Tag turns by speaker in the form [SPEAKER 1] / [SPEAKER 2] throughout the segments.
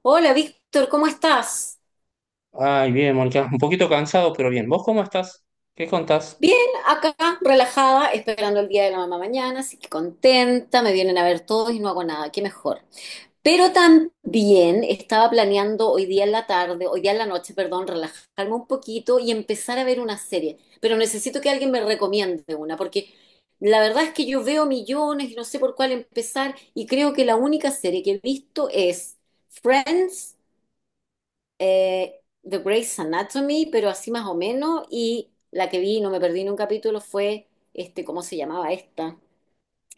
[SPEAKER 1] Hola Víctor, ¿cómo estás?
[SPEAKER 2] Ay, bien, Mónica. Un poquito cansado, pero bien. ¿Vos cómo estás? ¿Qué contás?
[SPEAKER 1] Bien, acá relajada, esperando el día de la mamá mañana, así que contenta, me vienen a ver todos y no hago nada, qué mejor. Pero también estaba planeando hoy día en la tarde, hoy día en la noche, perdón, relajarme un poquito y empezar a ver una serie, pero necesito que alguien me recomiende una, porque la verdad es que yo veo millones y no sé por cuál empezar y creo que la única serie que he visto es Friends, The Grey's Anatomy, pero así más o menos, y la que vi, no me perdí ni un capítulo, fue, ¿cómo se llamaba esta?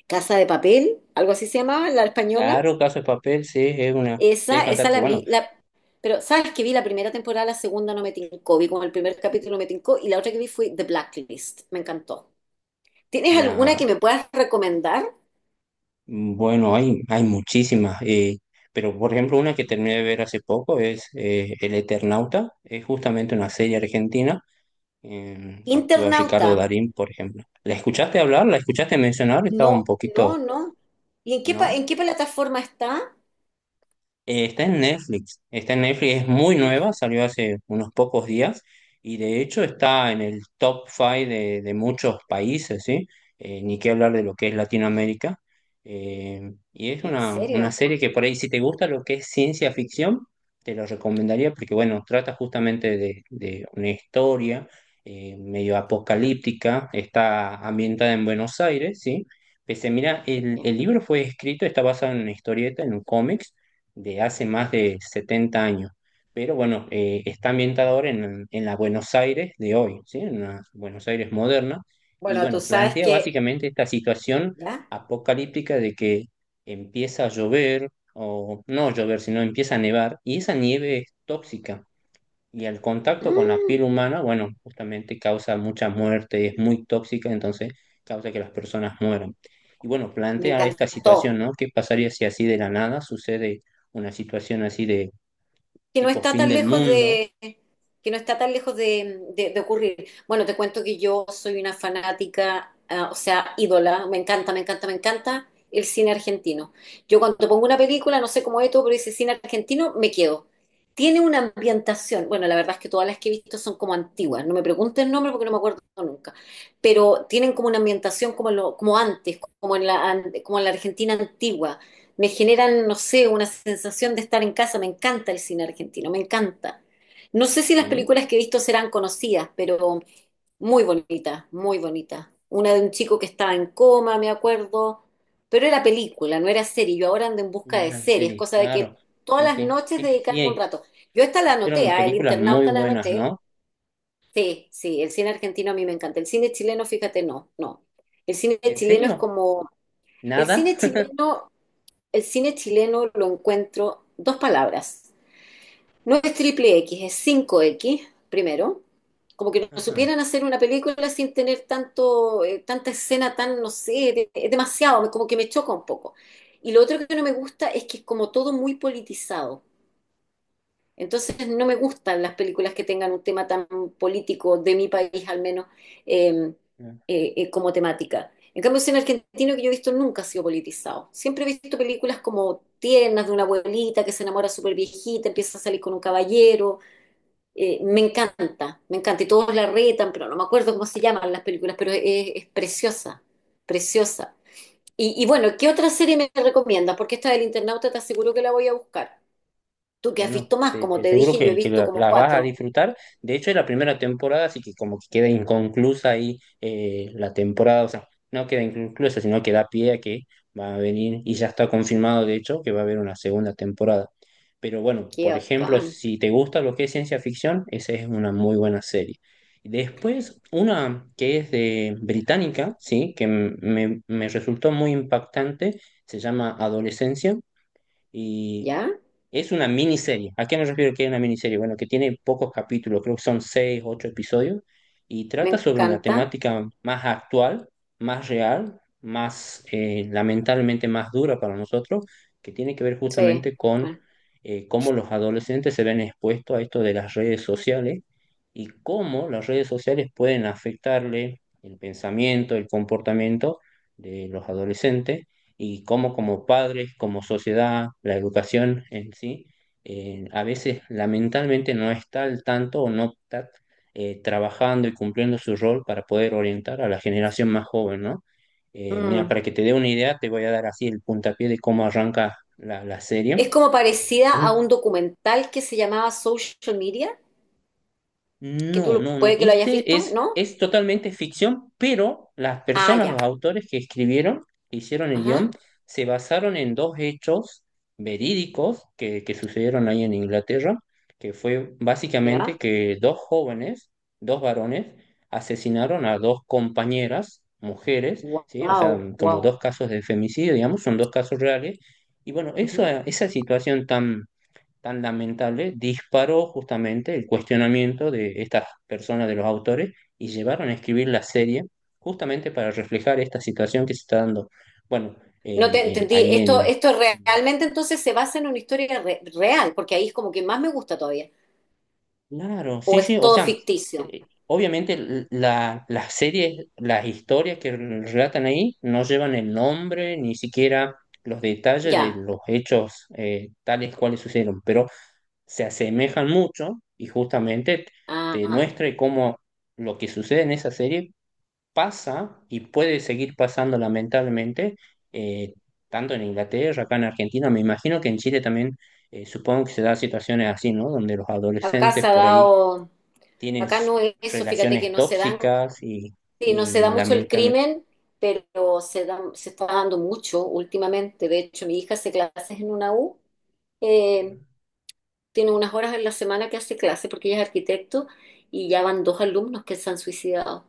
[SPEAKER 1] Casa de Papel, algo así se llamaba, la española.
[SPEAKER 2] Claro, Caso de Papel, sí, es una serie
[SPEAKER 1] Esa
[SPEAKER 2] fantástica.
[SPEAKER 1] la
[SPEAKER 2] Bueno,
[SPEAKER 1] vi, pero sabes que vi la primera temporada, la segunda no me tincó, vi como el primer capítulo me tincó, y la otra que vi fue The Blacklist, me encantó. ¿Tienes alguna
[SPEAKER 2] la,
[SPEAKER 1] que me puedas recomendar?
[SPEAKER 2] bueno, hay muchísimas. Pero, por ejemplo, una que terminé de ver hace poco es El Eternauta. Es justamente una serie argentina. Actúa
[SPEAKER 1] Internauta,
[SPEAKER 2] Ricardo Darín, por ejemplo. ¿La escuchaste hablar? ¿La escuchaste mencionar? Estaba un
[SPEAKER 1] no,
[SPEAKER 2] poquito,
[SPEAKER 1] no, no. ¿Y en qué, en
[SPEAKER 2] ¿no?
[SPEAKER 1] qué plataforma está?
[SPEAKER 2] Está en Netflix, está en Netflix, es muy nueva,
[SPEAKER 1] Netflix.
[SPEAKER 2] salió hace unos pocos días y de hecho está en el top 5 de muchos países, ¿sí? Ni qué hablar de lo que es Latinoamérica. Y es
[SPEAKER 1] ¿En
[SPEAKER 2] una
[SPEAKER 1] serio?
[SPEAKER 2] serie que por ahí, si te gusta lo que es ciencia ficción, te lo recomendaría porque, bueno, trata justamente de una historia medio apocalíptica, está ambientada en Buenos Aires, ¿sí? Pese, mira, el libro fue escrito, está basado en una historieta, en un cómic de hace más de 70 años. Pero bueno, está ambientada ahora en la Buenos Aires de hoy, ¿sí? En la Buenos Aires moderna. Y
[SPEAKER 1] Bueno, tú
[SPEAKER 2] bueno,
[SPEAKER 1] sabes
[SPEAKER 2] plantea
[SPEAKER 1] que,
[SPEAKER 2] básicamente esta situación
[SPEAKER 1] ¿ya?
[SPEAKER 2] apocalíptica de que empieza a llover, o no llover, sino empieza a nevar, y esa nieve es tóxica. Y el contacto con la piel
[SPEAKER 1] Mm,
[SPEAKER 2] humana, bueno, justamente causa mucha muerte, es muy tóxica, entonces causa que las personas mueran. Y bueno,
[SPEAKER 1] Me
[SPEAKER 2] plantea esta situación,
[SPEAKER 1] encantó.
[SPEAKER 2] ¿no? ¿Qué pasaría si así de la nada sucede una situación así de
[SPEAKER 1] que no
[SPEAKER 2] tipo
[SPEAKER 1] está
[SPEAKER 2] fin
[SPEAKER 1] tan
[SPEAKER 2] del
[SPEAKER 1] lejos
[SPEAKER 2] mundo?
[SPEAKER 1] de que no está tan lejos de, de ocurrir. Bueno, te cuento que yo soy una fanática, ah, o sea, ídola, me encanta, me encanta, me encanta el cine argentino. Yo cuando pongo una película, no sé cómo es todo, pero dice cine argentino, me quedo. Tiene una ambientación, bueno, la verdad es que todas las que he visto son como antiguas, no me pregunten el nombre porque no me acuerdo nunca, pero tienen como una ambientación como, como antes, como en la Argentina antigua, me generan, no sé, una sensación de estar en casa. Me encanta el cine argentino, me encanta. No sé si las
[SPEAKER 2] ¿Sí?
[SPEAKER 1] películas que he visto serán conocidas, pero muy bonita, muy bonita. Una de un chico que estaba en coma, me acuerdo, pero era película, no era serie. Yo ahora ando en
[SPEAKER 2] Y
[SPEAKER 1] busca
[SPEAKER 2] no
[SPEAKER 1] de
[SPEAKER 2] eran
[SPEAKER 1] series,
[SPEAKER 2] series,
[SPEAKER 1] cosa de que
[SPEAKER 2] claro.
[SPEAKER 1] todas
[SPEAKER 2] Sí,
[SPEAKER 1] las
[SPEAKER 2] sí.
[SPEAKER 1] noches
[SPEAKER 2] Es que sí,
[SPEAKER 1] dedicarme un rato. Yo esta
[SPEAKER 2] se
[SPEAKER 1] la anoté,
[SPEAKER 2] hicieron
[SPEAKER 1] ah, El
[SPEAKER 2] películas muy
[SPEAKER 1] internauta la
[SPEAKER 2] buenas,
[SPEAKER 1] anoté.
[SPEAKER 2] ¿no?
[SPEAKER 1] Sí, sí, el cine argentino a mí me encanta. El cine chileno, fíjate, no, no. El cine
[SPEAKER 2] ¿En
[SPEAKER 1] chileno es
[SPEAKER 2] serio?
[SPEAKER 1] como. El
[SPEAKER 2] ¿Nada?
[SPEAKER 1] cine chileno el cine chileno lo encuentro dos palabras. No es triple X, es cinco x primero. Como que no
[SPEAKER 2] Ajá.
[SPEAKER 1] supieran hacer una película sin tener tanto, tanta escena tan, no sé, es demasiado, como que me choca un poco. Y lo otro que no me gusta es que es como todo muy politizado. Entonces no me gustan las películas que tengan un tema tan político, de mi país al menos, eh,
[SPEAKER 2] No.
[SPEAKER 1] como temática. En cambio, el cine argentino que yo he visto nunca ha sido politizado. Siempre he visto películas como tiernas de una abuelita que se enamora súper viejita, empieza a salir con un caballero. Me encanta, me encanta. Y todos la retan, pero no me acuerdo cómo se llaman las películas, pero es preciosa, preciosa. Y bueno, ¿qué otra serie me recomiendas? Porque esta del internauta te aseguro que la voy a buscar. Tú que has visto
[SPEAKER 2] Bueno,
[SPEAKER 1] más,
[SPEAKER 2] te,
[SPEAKER 1] como
[SPEAKER 2] te
[SPEAKER 1] te
[SPEAKER 2] aseguro
[SPEAKER 1] dije, yo he
[SPEAKER 2] que
[SPEAKER 1] visto
[SPEAKER 2] la,
[SPEAKER 1] como
[SPEAKER 2] la vas a
[SPEAKER 1] cuatro.
[SPEAKER 2] disfrutar. De hecho, es la primera temporada, así que como que queda inconclusa ahí, la temporada, o sea, no queda inconclusa, sino que da pie a que va a venir, y ya está confirmado, de hecho, que va a haber una segunda temporada. Pero bueno,
[SPEAKER 1] Qué
[SPEAKER 2] por ejemplo,
[SPEAKER 1] bacán.
[SPEAKER 2] si te gusta lo que es ciencia ficción, esa es una muy buena serie. Después, una que es de británica, sí, que me resultó muy impactante, se llama Adolescencia y
[SPEAKER 1] ¿Ya?
[SPEAKER 2] es una miniserie. ¿A qué me refiero que es una miniserie? Bueno, que tiene pocos capítulos, creo que son 6, 8 episodios, y
[SPEAKER 1] Me
[SPEAKER 2] trata sobre una
[SPEAKER 1] encanta.
[SPEAKER 2] temática más actual, más real, más, lamentablemente, más dura para nosotros, que tiene que ver
[SPEAKER 1] Sí.
[SPEAKER 2] justamente con
[SPEAKER 1] Bueno.
[SPEAKER 2] cómo los adolescentes se ven expuestos a esto de las redes sociales, y cómo las redes sociales pueden afectarle el pensamiento, el comportamiento de los adolescentes, y cómo como padres, como sociedad, la educación en sí, a veces lamentablemente no está al tanto o no está trabajando y cumpliendo su rol para poder orientar a la generación más joven, ¿no? Mira,
[SPEAKER 1] Mm.
[SPEAKER 2] para que te dé una idea, te voy a dar así el puntapié de cómo arranca la
[SPEAKER 1] Es
[SPEAKER 2] serie.
[SPEAKER 1] como
[SPEAKER 2] Eh,
[SPEAKER 1] parecida a un
[SPEAKER 2] Un
[SPEAKER 1] documental que se llamaba Social Media, que tú
[SPEAKER 2] No, no, no.
[SPEAKER 1] puede que lo hayas
[SPEAKER 2] Este
[SPEAKER 1] visto,
[SPEAKER 2] es,
[SPEAKER 1] ¿no?
[SPEAKER 2] es totalmente ficción, pero las
[SPEAKER 1] Ah,
[SPEAKER 2] personas,
[SPEAKER 1] ya.
[SPEAKER 2] los autores que escribieron, que hicieron el guión,
[SPEAKER 1] Ajá.
[SPEAKER 2] se basaron en dos hechos verídicos que sucedieron ahí en Inglaterra, que fue básicamente
[SPEAKER 1] Ya.
[SPEAKER 2] que dos jóvenes, dos varones, asesinaron a dos compañeras, mujeres, ¿sí? O sea,
[SPEAKER 1] Wow,
[SPEAKER 2] como
[SPEAKER 1] wow.
[SPEAKER 2] dos casos de femicidio, digamos, son dos casos reales. Y bueno, eso,
[SPEAKER 1] Ujú.
[SPEAKER 2] esa situación tan tan lamentable disparó justamente el cuestionamiento de estas personas, de los autores, y llevaron a escribir la serie justamente para reflejar esta situación que se está dando. Bueno,
[SPEAKER 1] No te entendí.
[SPEAKER 2] ahí
[SPEAKER 1] Esto, esto
[SPEAKER 2] en-
[SPEAKER 1] realmente entonces se basa en una historia real, porque ahí es como que más me gusta todavía.
[SPEAKER 2] claro,
[SPEAKER 1] O
[SPEAKER 2] sí, sí,
[SPEAKER 1] es
[SPEAKER 2] o
[SPEAKER 1] todo
[SPEAKER 2] sea,
[SPEAKER 1] ficticio.
[SPEAKER 2] obviamente, las series, las historias que relatan ahí no llevan el nombre, ni siquiera los detalles de
[SPEAKER 1] Ya.
[SPEAKER 2] los hechos tales cuales sucedieron, pero se asemejan mucho, y justamente
[SPEAKER 1] Ah.
[SPEAKER 2] te
[SPEAKER 1] ah.
[SPEAKER 2] muestra cómo lo que sucede en esa serie pasa y puede seguir pasando lamentablemente, eh, tanto en Inglaterra, acá en Argentina, me imagino que en Chile también. Supongo que se dan situaciones así, ¿no? Donde los
[SPEAKER 1] Acá se
[SPEAKER 2] adolescentes
[SPEAKER 1] ha
[SPEAKER 2] por ahí
[SPEAKER 1] dado.
[SPEAKER 2] tienen
[SPEAKER 1] Acá no es eso, fíjate que
[SPEAKER 2] relaciones
[SPEAKER 1] no se dan,
[SPEAKER 2] tóxicas, y,
[SPEAKER 1] sí, no
[SPEAKER 2] y
[SPEAKER 1] se da mucho el
[SPEAKER 2] lamentablemente...
[SPEAKER 1] crimen, pero se está dando mucho últimamente. De hecho, mi hija hace clases en una U, eh, tiene unas horas en la semana que hace clases porque ella es arquitecto y ya van dos alumnos que se han suicidado.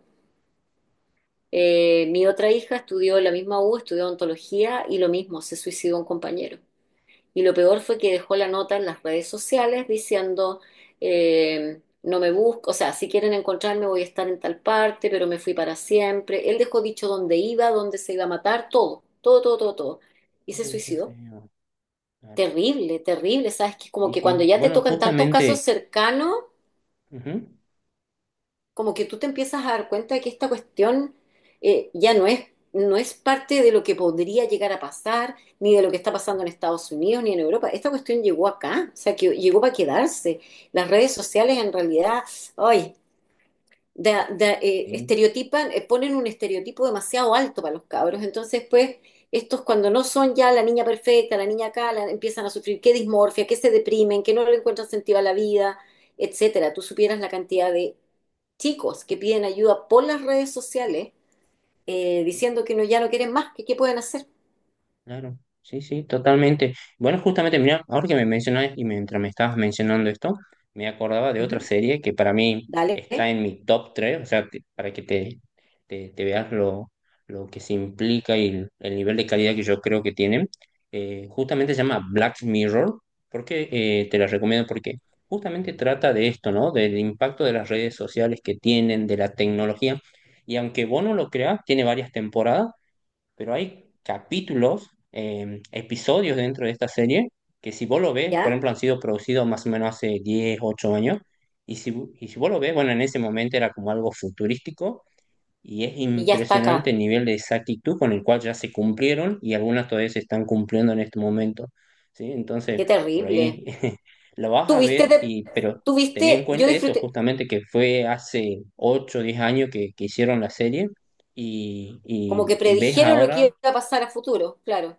[SPEAKER 1] Mi otra hija estudió en la misma U, estudió ontología y lo mismo, se suicidó un compañero. Y lo peor fue que dejó la nota en las redes sociales diciendo, no me busco, o sea, si quieren encontrarme voy a estar en tal parte, pero me fui para siempre. Él dejó dicho dónde iba, dónde se iba a matar, todo, todo, todo, todo, todo. Y se
[SPEAKER 2] Uy, qué
[SPEAKER 1] suicidó.
[SPEAKER 2] feo. Claro.
[SPEAKER 1] Terrible, terrible, ¿sabes? Que como
[SPEAKER 2] Sí,
[SPEAKER 1] que cuando
[SPEAKER 2] sí.
[SPEAKER 1] ya te
[SPEAKER 2] Bueno,
[SPEAKER 1] tocan tantos casos
[SPEAKER 2] justamente...
[SPEAKER 1] cercanos,
[SPEAKER 2] Ujú,
[SPEAKER 1] como que tú te empiezas a dar cuenta de que esta cuestión ya no es parte de lo que podría llegar a pasar, ni de lo que está pasando en Estados Unidos, ni en Europa. Esta cuestión llegó acá, o sea, que llegó para quedarse. Las redes sociales en realidad, ay,
[SPEAKER 2] sí.
[SPEAKER 1] estereotipan, ponen un estereotipo demasiado alto para los cabros. Entonces, pues, estos cuando no son ya la niña perfecta, la niña acá, empiezan a sufrir que dismorfia, que se deprimen, que no le encuentran sentido a la vida, etcétera. Tú supieras la cantidad de chicos que piden ayuda por las redes sociales, diciendo que no, ya no quieren más, que qué pueden hacer.
[SPEAKER 2] Claro, sí, sí, totalmente. Bueno, justamente, mira, ahora que me mencionas, y mientras me estabas mencionando esto, me acordaba de
[SPEAKER 1] Ujú,
[SPEAKER 2] otra serie que para mí
[SPEAKER 1] dale,
[SPEAKER 2] está en mi top 3. O sea, para que te veas lo que se implica y el nivel de calidad que yo creo que tienen. Justamente se llama Black Mirror, porque te la recomiendo, porque justamente trata de esto, ¿no? Del impacto de las redes sociales que tienen, de la tecnología. Y aunque vos no lo creas, tiene varias temporadas, pero hay capítulos, episodios dentro de esta serie que, si vos lo ves, por
[SPEAKER 1] ya,
[SPEAKER 2] ejemplo, han sido producidos más o menos hace 10 8 años, y si, y si vos lo ves, bueno, en ese momento era como algo futurístico, y es
[SPEAKER 1] y ya está
[SPEAKER 2] impresionante
[SPEAKER 1] acá.
[SPEAKER 2] el nivel de exactitud con el cual ya se cumplieron, y algunas todavía se están cumpliendo en este momento, ¿sí?
[SPEAKER 1] Qué
[SPEAKER 2] Entonces, por
[SPEAKER 1] terrible.
[SPEAKER 2] ahí lo vas a ver,
[SPEAKER 1] Tuviste, de,
[SPEAKER 2] pero tener en
[SPEAKER 1] tuviste, yo
[SPEAKER 2] cuenta eso,
[SPEAKER 1] disfruté,
[SPEAKER 2] justamente que fue hace ocho o 10 años que, hicieron la serie, y,
[SPEAKER 1] como
[SPEAKER 2] y
[SPEAKER 1] que
[SPEAKER 2] ves
[SPEAKER 1] predijeron lo que
[SPEAKER 2] ahora.
[SPEAKER 1] iba a pasar a futuro, claro.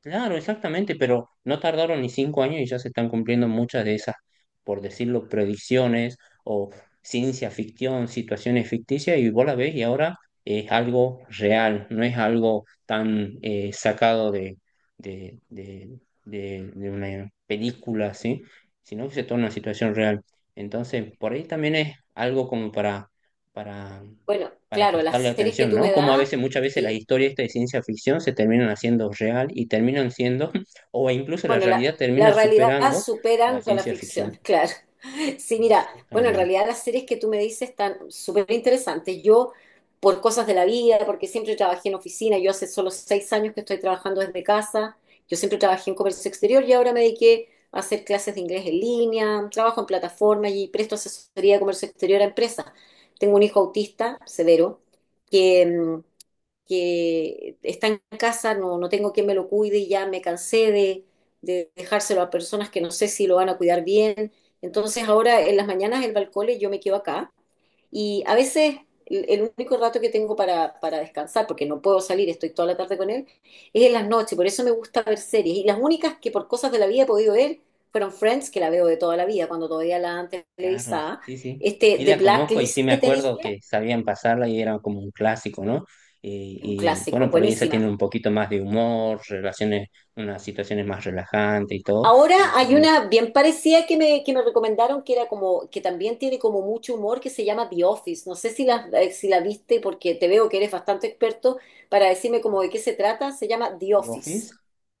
[SPEAKER 2] Claro, exactamente, pero no tardaron ni 5 años y ya se están cumpliendo muchas de esas, por decirlo, predicciones, o ciencia ficción, situaciones ficticias, y vos la ves, y ahora es algo real, no es algo tan, sacado de, de, de una película, ¿sí? Sino que se torna una situación real. Entonces, por ahí también es algo como para, para
[SPEAKER 1] Bueno,
[SPEAKER 2] para
[SPEAKER 1] claro, las
[SPEAKER 2] prestarle
[SPEAKER 1] series que
[SPEAKER 2] atención,
[SPEAKER 1] tú
[SPEAKER 2] ¿no?
[SPEAKER 1] me
[SPEAKER 2] Como a
[SPEAKER 1] das,
[SPEAKER 2] veces, muchas veces, las
[SPEAKER 1] sí,
[SPEAKER 2] historias estas de ciencia ficción se terminan haciendo real y terminan siendo, o incluso la
[SPEAKER 1] bueno, la,
[SPEAKER 2] realidad
[SPEAKER 1] la
[SPEAKER 2] termina
[SPEAKER 1] realidad
[SPEAKER 2] superando la
[SPEAKER 1] superando la
[SPEAKER 2] ciencia ficción.
[SPEAKER 1] ficción, claro. Sí, mira, bueno, en
[SPEAKER 2] Exactamente,
[SPEAKER 1] realidad las series que tú me dices están súper interesantes. Yo, por cosas de la vida, porque siempre trabajé en oficina, yo hace solo 6 años que estoy trabajando desde casa, yo siempre trabajé en comercio exterior y ahora me dediqué a hacer clases de inglés en línea, trabajo en plataforma y presto asesoría de comercio exterior a empresas. Tengo un hijo autista severo que, que está en casa, no, no tengo quien me lo cuide y ya me cansé de, dejárselo a personas que no sé si lo van a cuidar bien. Entonces ahora en las mañanas el balcón yo me quedo acá y a veces el único rato que tengo para, descansar, porque no puedo salir, estoy toda la tarde con él, es en las noches, por eso me gusta ver series. Y las únicas que por cosas de la vida he podido ver fueron Friends, que la veo de toda la vida, cuando todavía la antes
[SPEAKER 2] claro,
[SPEAKER 1] televisada.
[SPEAKER 2] sí, sí. Sí
[SPEAKER 1] The
[SPEAKER 2] la conozco, y sí
[SPEAKER 1] Blacklist
[SPEAKER 2] me
[SPEAKER 1] que te
[SPEAKER 2] acuerdo
[SPEAKER 1] dije,
[SPEAKER 2] que sabían pasarla, y era como un clásico, ¿no? Y,
[SPEAKER 1] un clásico,
[SPEAKER 2] bueno, por ahí esa tiene
[SPEAKER 1] buenísima.
[SPEAKER 2] un poquito más de humor, relaciones, unas situaciones más relajantes y todo.
[SPEAKER 1] Ahora
[SPEAKER 2] Y
[SPEAKER 1] hay
[SPEAKER 2] no.
[SPEAKER 1] una bien parecida que me, recomendaron que era como, que también tiene como mucho humor, que se llama The Office. No sé si la viste porque te veo que eres bastante experto para decirme como de qué se trata. Se llama The
[SPEAKER 2] ¿Vos
[SPEAKER 1] Office.
[SPEAKER 2] vis?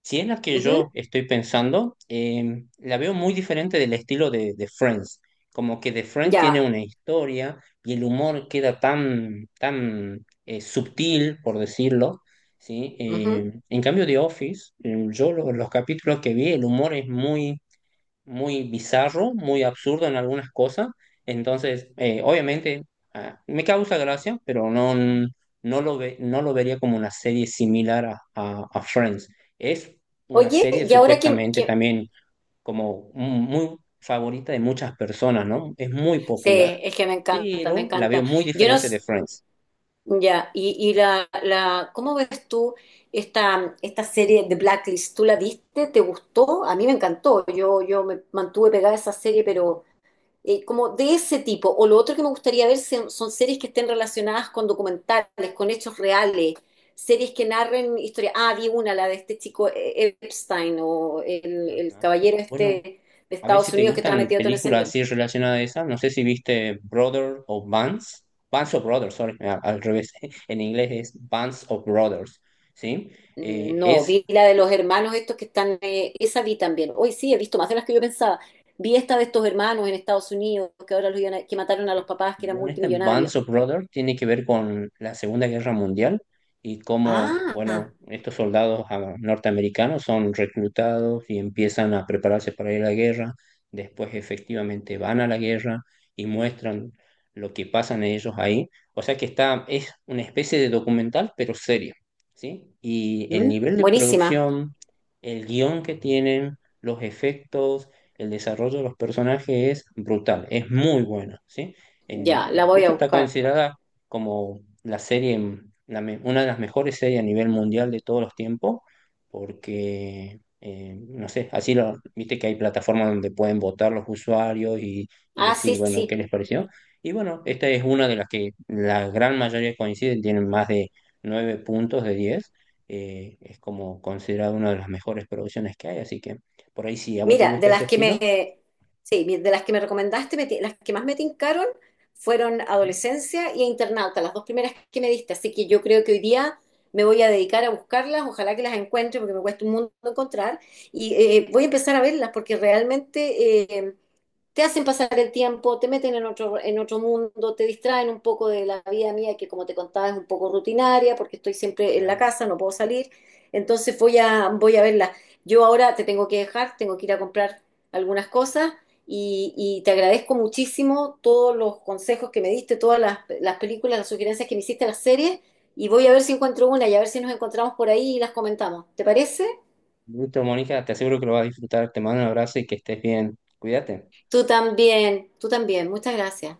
[SPEAKER 2] Si es la que
[SPEAKER 1] Ujú,
[SPEAKER 2] yo estoy pensando, la veo muy diferente del estilo de Friends. Como que The Friends tiene
[SPEAKER 1] ya.
[SPEAKER 2] una historia y el humor queda tan, tan, subtil, por decirlo, ¿sí?
[SPEAKER 1] ujú.
[SPEAKER 2] En cambio, The Office, yo los capítulos que vi, el humor es muy muy bizarro, muy absurdo en algunas cosas. Entonces, obviamente, me causa gracia, pero no, no lo vería como una serie similar a Friends. Es una
[SPEAKER 1] Oye,
[SPEAKER 2] serie
[SPEAKER 1] y ahora
[SPEAKER 2] supuestamente
[SPEAKER 1] que-
[SPEAKER 2] también como muy favorita de muchas personas, ¿no? Es muy
[SPEAKER 1] Sí,
[SPEAKER 2] popular,
[SPEAKER 1] es que me encanta, me
[SPEAKER 2] pero la veo
[SPEAKER 1] encanta.
[SPEAKER 2] muy
[SPEAKER 1] Yo no...
[SPEAKER 2] diferente
[SPEAKER 1] s-
[SPEAKER 2] de Friends.
[SPEAKER 1] Ya, y la, ¿Cómo ves tú esta serie de Blacklist? ¿Tú la viste? ¿Te gustó? A mí me encantó. Yo me mantuve pegada a esa serie. Como de ese tipo. O lo otro que me gustaría ver son series que estén relacionadas con documentales, con hechos reales, series que narren historias. Ah, vi una, la de este chico, Epstein o el
[SPEAKER 2] Ajá.
[SPEAKER 1] caballero
[SPEAKER 2] Bueno,
[SPEAKER 1] este de
[SPEAKER 2] a ver si
[SPEAKER 1] Estados
[SPEAKER 2] te
[SPEAKER 1] Unidos que estaba
[SPEAKER 2] gustan
[SPEAKER 1] metido todo en ese
[SPEAKER 2] películas
[SPEAKER 1] lío.
[SPEAKER 2] así relacionadas a esas. No sé si viste Brother o Bands. Bands of Brothers, sorry, al revés. En inglés es Bands of Brothers, ¿sí?
[SPEAKER 1] No,
[SPEAKER 2] Es
[SPEAKER 1] vi la de los hermanos estos que están, esa vi también. Hoy sí, he visto más de las que yo pensaba. Vi esta de estos hermanos en Estados Unidos que ahora los que mataron a los papás que eran
[SPEAKER 2] Bueno, esta
[SPEAKER 1] multimillonarios.
[SPEAKER 2] Bands of Brothers tiene que ver con la Segunda Guerra Mundial, y cómo,
[SPEAKER 1] Ah,
[SPEAKER 2] bueno, estos soldados, norteamericanos, son reclutados y empiezan a prepararse para ir a la guerra, después efectivamente van a la guerra y muestran lo que pasan ellos ahí. O sea que está, es una especie de documental, pero serio, ¿sí? Y el
[SPEAKER 1] mm,
[SPEAKER 2] nivel de
[SPEAKER 1] buenísima.
[SPEAKER 2] producción, el guión que tienen, los efectos, el desarrollo de los personajes es brutal, es muy bueno, ¿sí?
[SPEAKER 1] Ya, la
[SPEAKER 2] De
[SPEAKER 1] voy
[SPEAKER 2] hecho,
[SPEAKER 1] a
[SPEAKER 2] está
[SPEAKER 1] buscar.
[SPEAKER 2] considerada como la serie, una de las mejores series a nivel mundial de todos los tiempos, porque, no sé, así lo, viste que hay plataformas donde pueden votar los usuarios y
[SPEAKER 1] Ah,
[SPEAKER 2] decir,
[SPEAKER 1] sí, sí.
[SPEAKER 2] bueno, ¿qué
[SPEAKER 1] sí.
[SPEAKER 2] les pareció? Y bueno, esta es una de las que la gran mayoría coinciden, tienen más de 9 puntos de 10. Es como considerada una de las mejores producciones que hay, así que por ahí, si a vos te
[SPEAKER 1] Mira, de
[SPEAKER 2] gusta ese
[SPEAKER 1] las que
[SPEAKER 2] estilo,
[SPEAKER 1] me, sí, de las que me recomendaste, las que más me tincaron fueron Adolescencia y Internauta, las dos primeras que me diste. Así que yo creo que hoy día me voy a dedicar a buscarlas, ojalá que las encuentre porque me cuesta un mundo encontrar. Y voy a empezar a verlas porque realmente, te hacen pasar el tiempo, te meten en otro mundo, te distraen un poco de la vida mía, que como te contaba es un poco rutinaria, porque estoy siempre en la
[SPEAKER 2] ujú.
[SPEAKER 1] casa, no puedo salir. Entonces voy a verla. Yo ahora te tengo que dejar, tengo que ir a comprar algunas cosas y te agradezco muchísimo todos los consejos que me diste, todas las películas, las sugerencias que me hiciste, las series, y voy a ver si encuentro una y a ver si nos encontramos por ahí y las comentamos. ¿Te parece?
[SPEAKER 2] Listo, Mónica, te aseguro que lo vas a disfrutar. Te mando un abrazo y que estés bien. Cuídate.
[SPEAKER 1] Tú también, tú también. Muchas gracias.